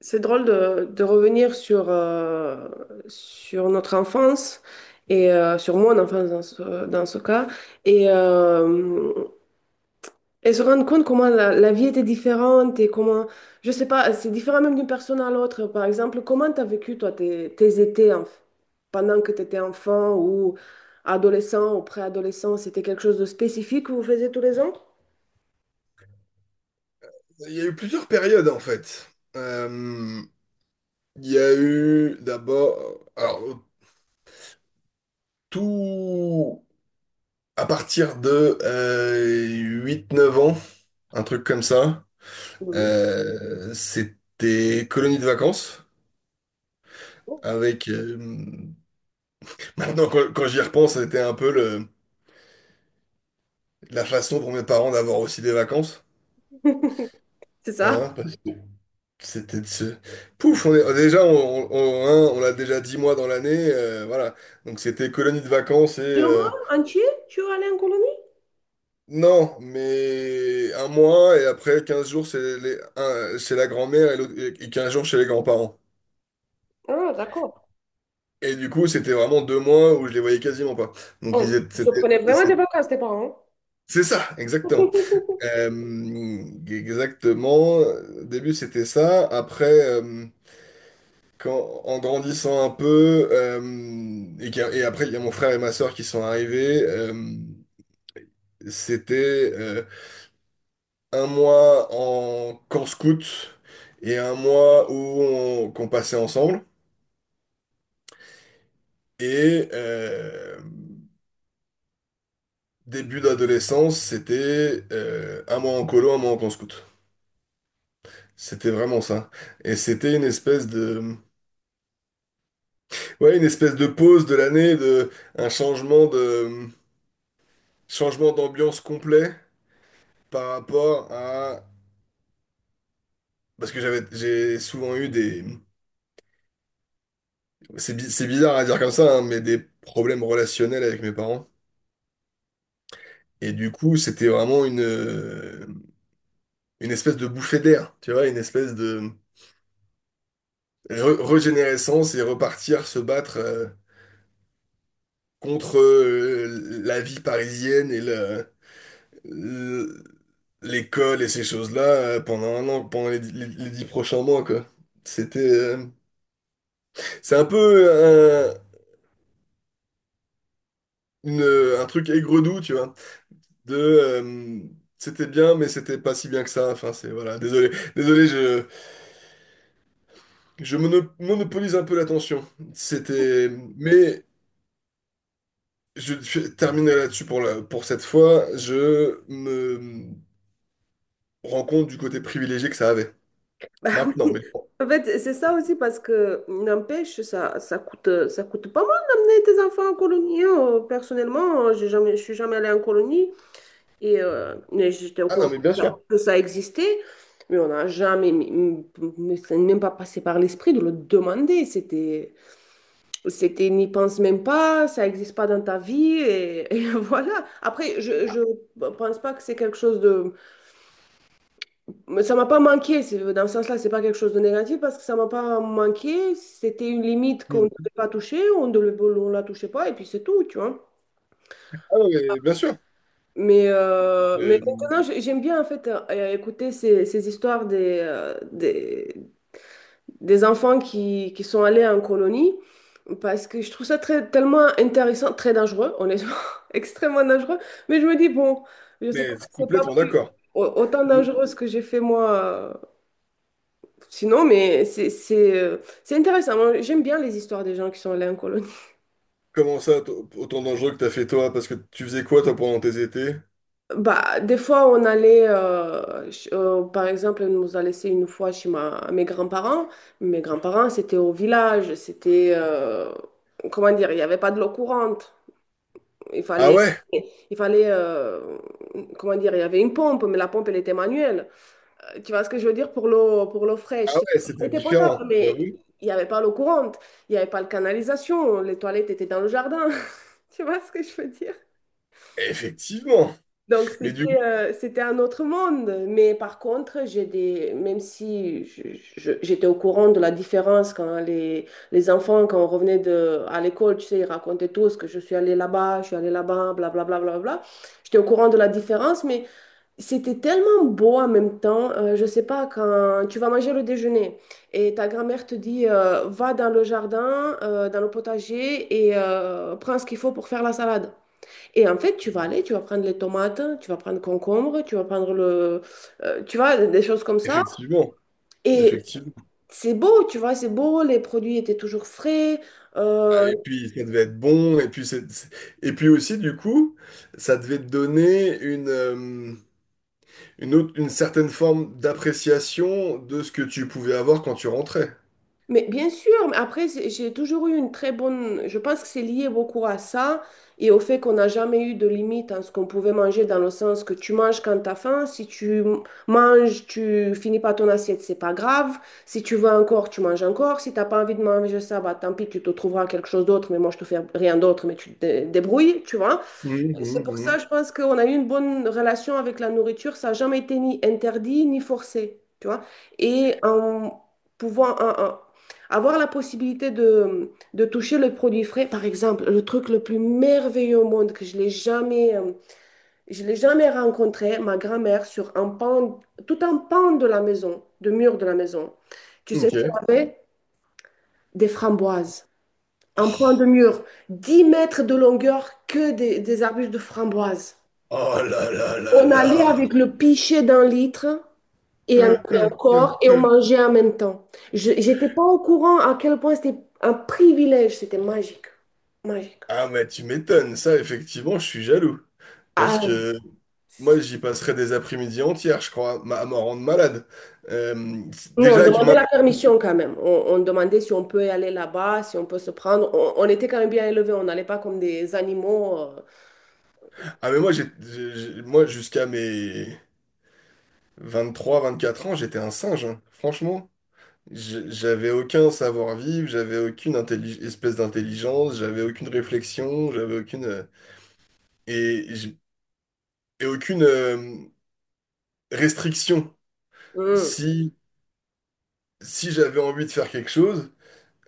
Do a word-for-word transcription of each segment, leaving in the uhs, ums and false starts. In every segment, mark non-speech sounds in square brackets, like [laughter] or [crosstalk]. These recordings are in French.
C'est drôle de, de revenir sur, euh, sur notre enfance et euh, sur mon enfance dans ce, dans ce cas et, euh, et se rendre compte comment la, la vie était différente et comment, je sais pas, c'est différent même d'une personne à l'autre. Par exemple, comment tu as vécu toi tes, tes étés en- pendant que tu étais enfant ou adolescent ou préadolescent? C'était quelque chose de spécifique que vous faisiez tous les ans? Il y a eu plusieurs périodes en fait. Euh, il y a eu d'abord, alors tout à partir de euh, huit neuf ans, un truc comme ça, Mhm. euh, c'était colonie de vacances avec, euh, [laughs] maintenant quand, quand j'y repense, c'était un peu le, la façon pour mes parents d'avoir aussi des vacances. [laughs] C'est Hein, ça? parce que c'était de se... Pouf, on est, déjà, on, on, on hein, on l'a déjà dix mois dans l'année, euh, voilà. Donc c'était colonie de vacances et... Deux euh, mois entiers, tu es allé en colonie? Non, mais un mois et après quinze jours c'est les, un- chez la grand-mère et, l'autre- et quinze jours chez les grands-parents. Ah, d'accord. Et du coup, c'était vraiment deux mois où je les voyais quasiment pas. Donc, On ils étaient, se c'était- prenait vraiment c'est des vacances, tes parents. c'est ça, exactement. [laughs] Euh, Exactement. Au début, c'était ça. Après, euh, quand, en grandissant un peu, euh, et, qu'il y a- et après, il y a mon frère et ma sœur qui sont arrivés, euh, c'était. Euh, un mois en camp scout et un mois où on, qu'on passait ensemble. Et euh, début d'adolescence, c'était euh, un mois en colo, un mois en camp scout. C'était vraiment ça. Et c'était une espèce de, ouais, une espèce de pause de l'année, de un changement de, changement d'ambiance complet par rapport à, parce que j'avais, j'ai souvent eu des, c'est bi- c'est bizarre à dire comme ça, hein, mais des problèmes relationnels avec mes parents. Et du coup, c'était vraiment une, euh, une espèce de bouffée d'air, tu vois, une espèce de re- régénérescence et repartir se battre euh, contre euh, la vie parisienne et le- le- l'école et ces choses-là euh, pendant un an, pendant les, les- les dix prochains mois, quoi. C'était, euh, c'est un peu un, une- un truc aigre-doux, tu vois, de euh, c'était bien, mais c'était pas si bien que ça. Enfin, c'est voilà, désolé, désolé, je Je mono- monopolise un peu l'attention. C'était, mais je je terminerai là-dessus pour la- pour cette fois. Je me rends compte du côté privilégié que ça avait. Bah oui. Maintenant, mais bon. En fait, c'est ça aussi parce que, n'empêche, ça, ça coûte, ça coûte pas mal d'amener tes enfants en colonie. Hein. Euh, Personnellement, j'ai jamais, je suis jamais allée en colonie et euh, mais j'étais au Ah non, courant mais que bien ça, sûr. que ça existait, mais on n'a jamais, mais m- ça n'est même pas passé par l'esprit de le demander. C'était, c'était, n'y pense même pas, ça n'existe pas dans ta vie et, [laughs] et voilà. Après, je, je pense pas que c'est quelque chose de Mais ça m'a pas manqué, c'est- dans ce sens-là, c'est pas quelque chose de négatif parce que ça m'a pas manqué. C'était une limite qu'on ne Hmm. devait pas toucher, on ne le- on la touchait pas et puis c'est tout, tu vois. Ah non, mais bien sûr. Mais, euh, mais Euh, maintenant, j'ai- j'aime bien en fait euh, écouter ces, ces histoires des, euh, des, des enfants qui, qui sont allés en colonie parce que je trouve ça très, tellement intéressant, très dangereux, honnêtement, [laughs] extrêmement dangereux. Mais je me dis, bon, je sais pas mais c'est si c'est pas complètement plus- d'accord. au- autant De- dangereux ce que j'ai fait moi. euh, Sinon, mais c'est c'est, euh, c'est intéressant. Moi, j'aime bien les histoires des gens qui sont allés en colonie. [laughs] Comment ça, t- autant dangereux que t'as fait toi, parce que tu faisais quoi toi pendant tes étés? Bah, des fois, on allait, euh, ch- euh, par exemple, on nous a laissé une fois chez ma, mes grands-parents. Mes grands-parents, c'était au village, c'était, euh, comment dire, il n'y avait pas de l'eau courante. Il Ah fallait, ouais, il fallait, euh, comment dire, il y avait une pompe, mais la pompe, elle était manuelle. Euh, Tu vois ce que je veux dire pour l'eau, pour l'eau fraîche? ah C'est- ouais, Elle c'était était potable, différent, mais j'avoue. il n'y avait pas l'eau courante. Il n'y avait pas de canalisation, les toilettes étaient dans le jardin. Tu vois ce que je veux dire? Effectivement. Donc, Mais du coup, c'était euh, c'était un autre monde. Mais par contre, j'ai des, même si je- je- j'étais au courant de la différence quand les, les enfants, quand on revenait de, à l'école, tu sais, ils racontaient tous que je suis allée là-bas, je suis allée là-bas, blablabla, blablabla. J'étais au courant de la différence, mais c'était tellement beau en même temps. Euh, je sais pas, quand tu vas manger le déjeuner et ta grand-mère te dit, euh, va dans le jardin, euh, dans le potager et euh, prends ce qu'il faut pour faire la salade. Et en fait, tu vas aller, tu vas prendre les tomates, tu vas prendre concombre, tu vas prendre le, euh, tu vois, des choses comme ça. effectivement, Et effectivement. c'est beau, tu vois, c'est beau, les produits étaient toujours frais. Ah, Euh, et puis ça devait être bon, et puis c'est- c'est- et puis aussi du coup, ça devait te donner une, euh, une autre, une certaine forme d'appréciation de ce que tu pouvais avoir quand tu rentrais. Mais bien sûr, mais après, c'est- j'ai toujours eu une très bonne... Je pense que c'est lié beaucoup à ça et au fait qu'on n'a jamais eu de limite en ce qu'on pouvait manger, dans le sens que tu manges quand t'as faim, si tu m- manges, tu finis pas ton assiette, c'est pas grave. Si tu veux encore, tu manges encore. Si t'as pas envie de manger ça, bah tant pis, tu te trouveras quelque chose d'autre, mais moi je te fais rien d'autre, mais tu te dé- débrouilles, tu vois. C'est pour ça, Mhm, je pense qu'on a eu une bonne relation avec la nourriture. Ça n'a jamais été ni interdit ni forcé, tu vois. Et en pouvant en- en- avoir la possibilité de, de toucher le produit frais, par exemple, le truc le plus merveilleux au monde que je l'ai jamais, euh, je l'ai jamais rencontré, ma grand-mère sur un pan, tout un pan de la maison, de mur de la maison. Tu mhm. sais ce Ok. qu'elle avait? Des framboises. Un Oh pan de mur, dix mètres de longueur, que des, des arbustes de framboises. oh là là là On allait là. avec le pichet d'un litre et on avait encore et on mangeait en même temps. Je n'étais pas au courant à quel point c'était un privilège, c'était magique, magique. Ah mais tu m'étonnes, ça effectivement, je suis jaloux. Parce Ah, que moi c'est- j'y passerais des après-midi entières, je crois, ma- à m'en rendre malade. Euh, non, on déjà que ma- demandait la permission quand même. On, on demandait si on peut aller là-bas, si on peut se prendre. On, on était quand même bien élevés, on n'allait pas comme des animaux. Ah mais moi j'ai j'ai- j'ai- moi jusqu'à mes vingt-trois vingt-quatre ans, j'étais un singe, hein. Franchement. J- J'avais aucun savoir-vivre, j'avais aucune intelli- espèce d'intelligence, j'avais aucune réflexion, j'avais aucune... euh, et, j- et aucune euh, restriction. euh. Hmm. Si, si j'avais envie de faire quelque chose,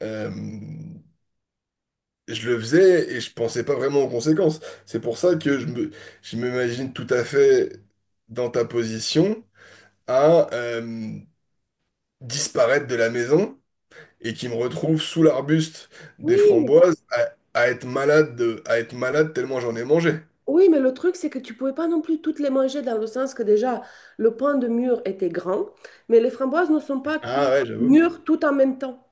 euh, je le faisais et je pensais pas vraiment aux conséquences. C'est pour ça que je me, je m'imagine tout à fait dans ta position à euh, disparaître de la maison et qui me retrouve sous l'arbuste des Oui, framboises à, à être malade de- à être malade tellement j'en ai mangé. oui, mais le truc, c'est que tu pouvais pas non plus toutes les manger dans le sens que déjà, le pain de mûre était grand, mais les framboises ne sont pas Ah cuites ouais, j'avoue. mûres tout en même temps.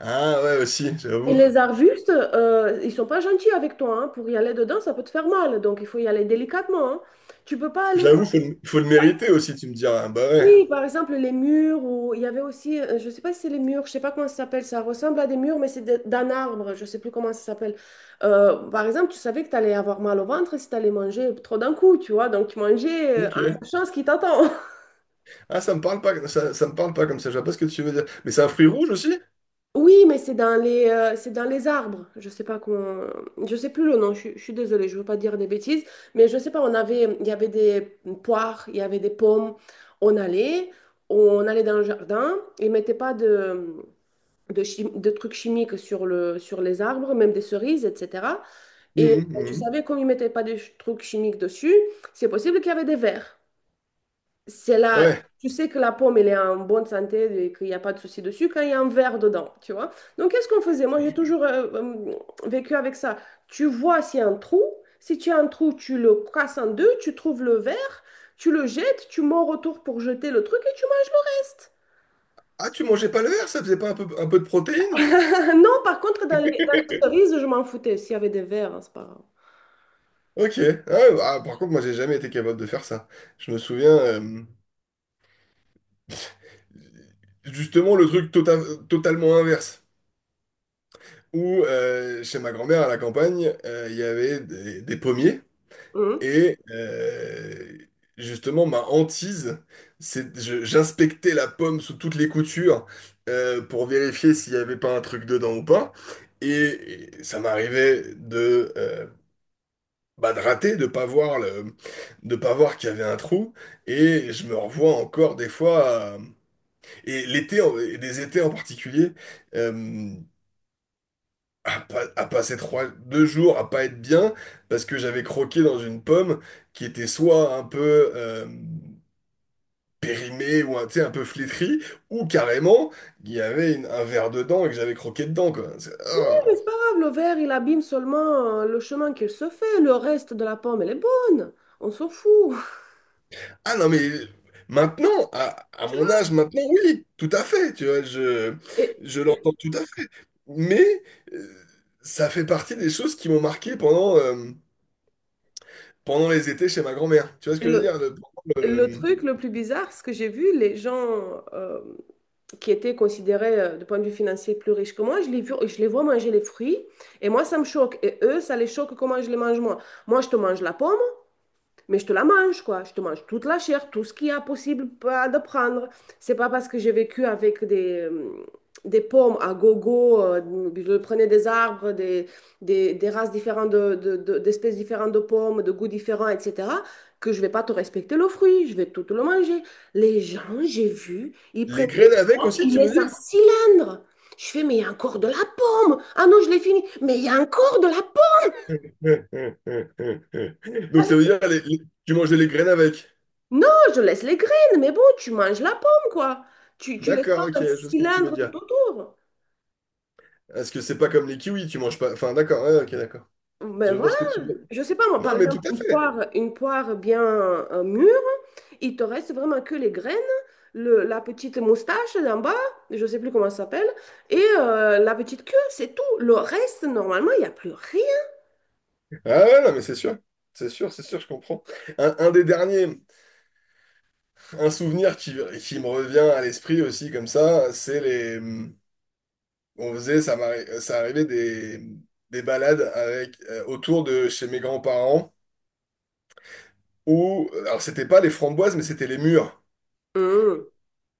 Ah ouais aussi, Et j'avoue. les arbustes, euh, ils sont pas gentils avec toi, hein. Pour y aller dedans, ça peut te faire mal. Donc, il faut y aller délicatement, hein. Tu peux pas aller... J'avoue, faut, le- faut le mériter aussi, tu me diras. Bah ouais. Oui, par exemple, les murs, ou il y avait aussi, euh, je sais pas si c'est les murs, je sais pas comment ça s'appelle, ça ressemble à des murs, mais c'est de- d'un arbre, je sais plus comment ça s'appelle. Euh, par exemple, tu savais que tu allais avoir mal au ventre si tu allais manger trop d'un coup, tu vois. Donc, tu mangeais euh, en Ok. sachant ce qui t'attend. [laughs] Ah, ça me parle pas, ça, ça me parle pas comme ça, je vois pas ce que tu veux dire. Mais c'est un fruit rouge aussi? Oui, mais c'est dans les, euh, c'est dans les arbres. Je sais pas qu'on, je sais plus le nom. Je, suis je suis désolée, je veux pas dire des bêtises, mais je sais pas. On avait, il y avait des poires, il y avait des pommes. On allait, on allait dans le jardin. Ils mettaient pas de, de, chi- de trucs chimiques sur le, sur les arbres, même des cerises, et cetera. Et Mhm, euh, tu mhm. savais comme ils mettaient pas de ch- trucs chimiques dessus, c'est possible qu'il y avait des vers. C'est là, Ouais. tu sais que la pomme, elle est en bonne santé et qu'il n'y a pas de souci dessus quand il y a un verre dedans, tu vois. Donc, qu'est-ce qu'on faisait? Moi, j'ai toujours euh, euh, vécu avec ça. Tu vois s'il y a un trou. Si tu as un trou, tu le casses en deux, tu trouves le verre, tu le jettes, tu mords autour pour jeter le truc et tu manges le reste. Ah, tu mangeais pas le verre, ça faisait pas un peu, un peu de protéines? [laughs] Non, par contre, dans les, dans les cerises, je m'en foutais. S'il y avait des verres, hein, c'est pas grave. Ok. Ah, ah, par contre, moi, j'ai jamais été capable de faire ça. Je me souviens, euh, justement, le truc tota- totalement inverse. Où euh, chez ma grand-mère à la campagne, euh, il y avait des, des pommiers Hum. et euh, justement ma hantise, c'est je- j'inspectais la pomme sous toutes les coutures euh, pour vérifier s'il n'y avait pas un truc dedans ou pas. Et, et ça m'arrivait de euh, bah, de rater, de pas voir le, de pas voir qu'il y avait un trou. Et je me revois encore des fois. à- Et l'été, en- et des étés en particulier. Euh, à, pas- À passer trois, deux jours à pas être bien parce que j'avais croqué dans une pomme qui était soit un peu euh, périmée ou un, tu sais, un peu flétrie ou carrément il y avait une- un verre dedans et que j'avais croqué dedans quoi. C'est- Ouais, Ah. Mais c'est pas grave, le verre, il abîme seulement euh, le chemin qu'il se fait. Le reste de la pomme, elle est bonne. On s'en fout. Ah non mais maintenant à, à [laughs] Tu mon âge vois? maintenant oui tout à fait tu vois je Et, je l'entends tout à fait mais euh, ça fait partie des choses qui m'ont marqué pendant euh, pendant les étés chez ma grand-mère tu vois ce Et que je veux le, dire. le Le- truc le plus bizarre, ce que j'ai vu, les gens euh, qui étaient considérés euh, du point de vue financier plus riches que moi, je les, vu- je les vois manger les fruits et moi, ça me choque. Et eux, ça les choque comment je les mange moi. Moi, je te mange la pomme, mais je te la mange, quoi. Je te mange toute la chair, tout ce qu'il y a possible pas de prendre. C'est pas parce que j'ai vécu avec des, euh, des pommes à gogo, euh, je prenais des arbres, des, des, des races différentes, de, de- de- d'espèces différentes de pommes, de goûts différents, et cetera, que je vais pas te respecter le fruit, je vais tout le manger. Les gens, j'ai vu, ils prennent Les des graines avec pommes, aussi, ils tu veux laissent un dire? cylindre. Je fais, mais il y a encore de la pomme. Ah non, je l'ai fini. Mais il y a encore de la pomme. [laughs] Donc ça veut dire les- les- tu manges les graines avec. Non, je laisse les graines, mais bon, tu manges la pomme, quoi. Tu, tu laisses pas D'accord, ok, un je vois ce que tu veux cylindre tout dire. autour. Est-ce que c'est pas comme les kiwis, tu manges pas. Enfin, d'accord, ouais, ok, d'accord. Ben Je vois ce voilà, que tu veux. je sais pas moi, Non, par mais exemple, tout à une fait. poire, une poire bien euh, mûre, il te reste vraiment que les graines, le, la petite moustache d'en bas, je sais plus comment ça s'appelle, et euh, la petite queue, c'est tout. Le reste, normalement, il n'y a plus rien. Ah ouais, ouais, non, mais c'est sûr. C'est sûr, c'est sûr, je comprends. Un, un des derniers, un souvenir qui, qui me revient à l'esprit aussi, comme ça, c'est les. On faisait, ça m'arri- ça arrivait des, des balades avec, euh, autour de chez mes grands-parents. Où, alors c'était pas les framboises, mais c'était les mûres, Hum.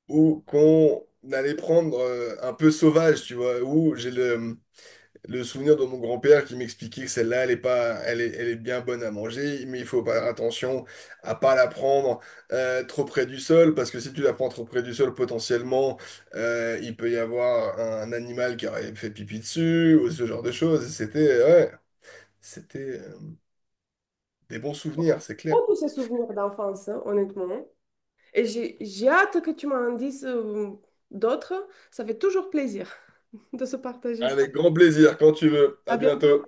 où qu'on allait prendre euh, un peu sauvage, tu vois, où j'ai le, le souvenir de mon grand-père qui m'expliquait que celle-là, elle est pas, elle est, elle est bien bonne à manger, mais il faut faire attention à pas la prendre euh, trop près du sol, parce que si tu la prends trop près du sol, potentiellement, euh, il peut y avoir un animal qui aurait fait pipi dessus, ou ce genre de choses. Et c'était, ouais, c'était euh, des bons souvenirs, c'est clair. Oh, tous ces souvenirs d'enfance, hein, honnêtement. Et j'ai j'ai hâte que tu m'en dises euh, d'autres. Ça fait toujours plaisir [laughs] de se partager. Avec grand plaisir, quand tu veux. À À bientôt. bientôt.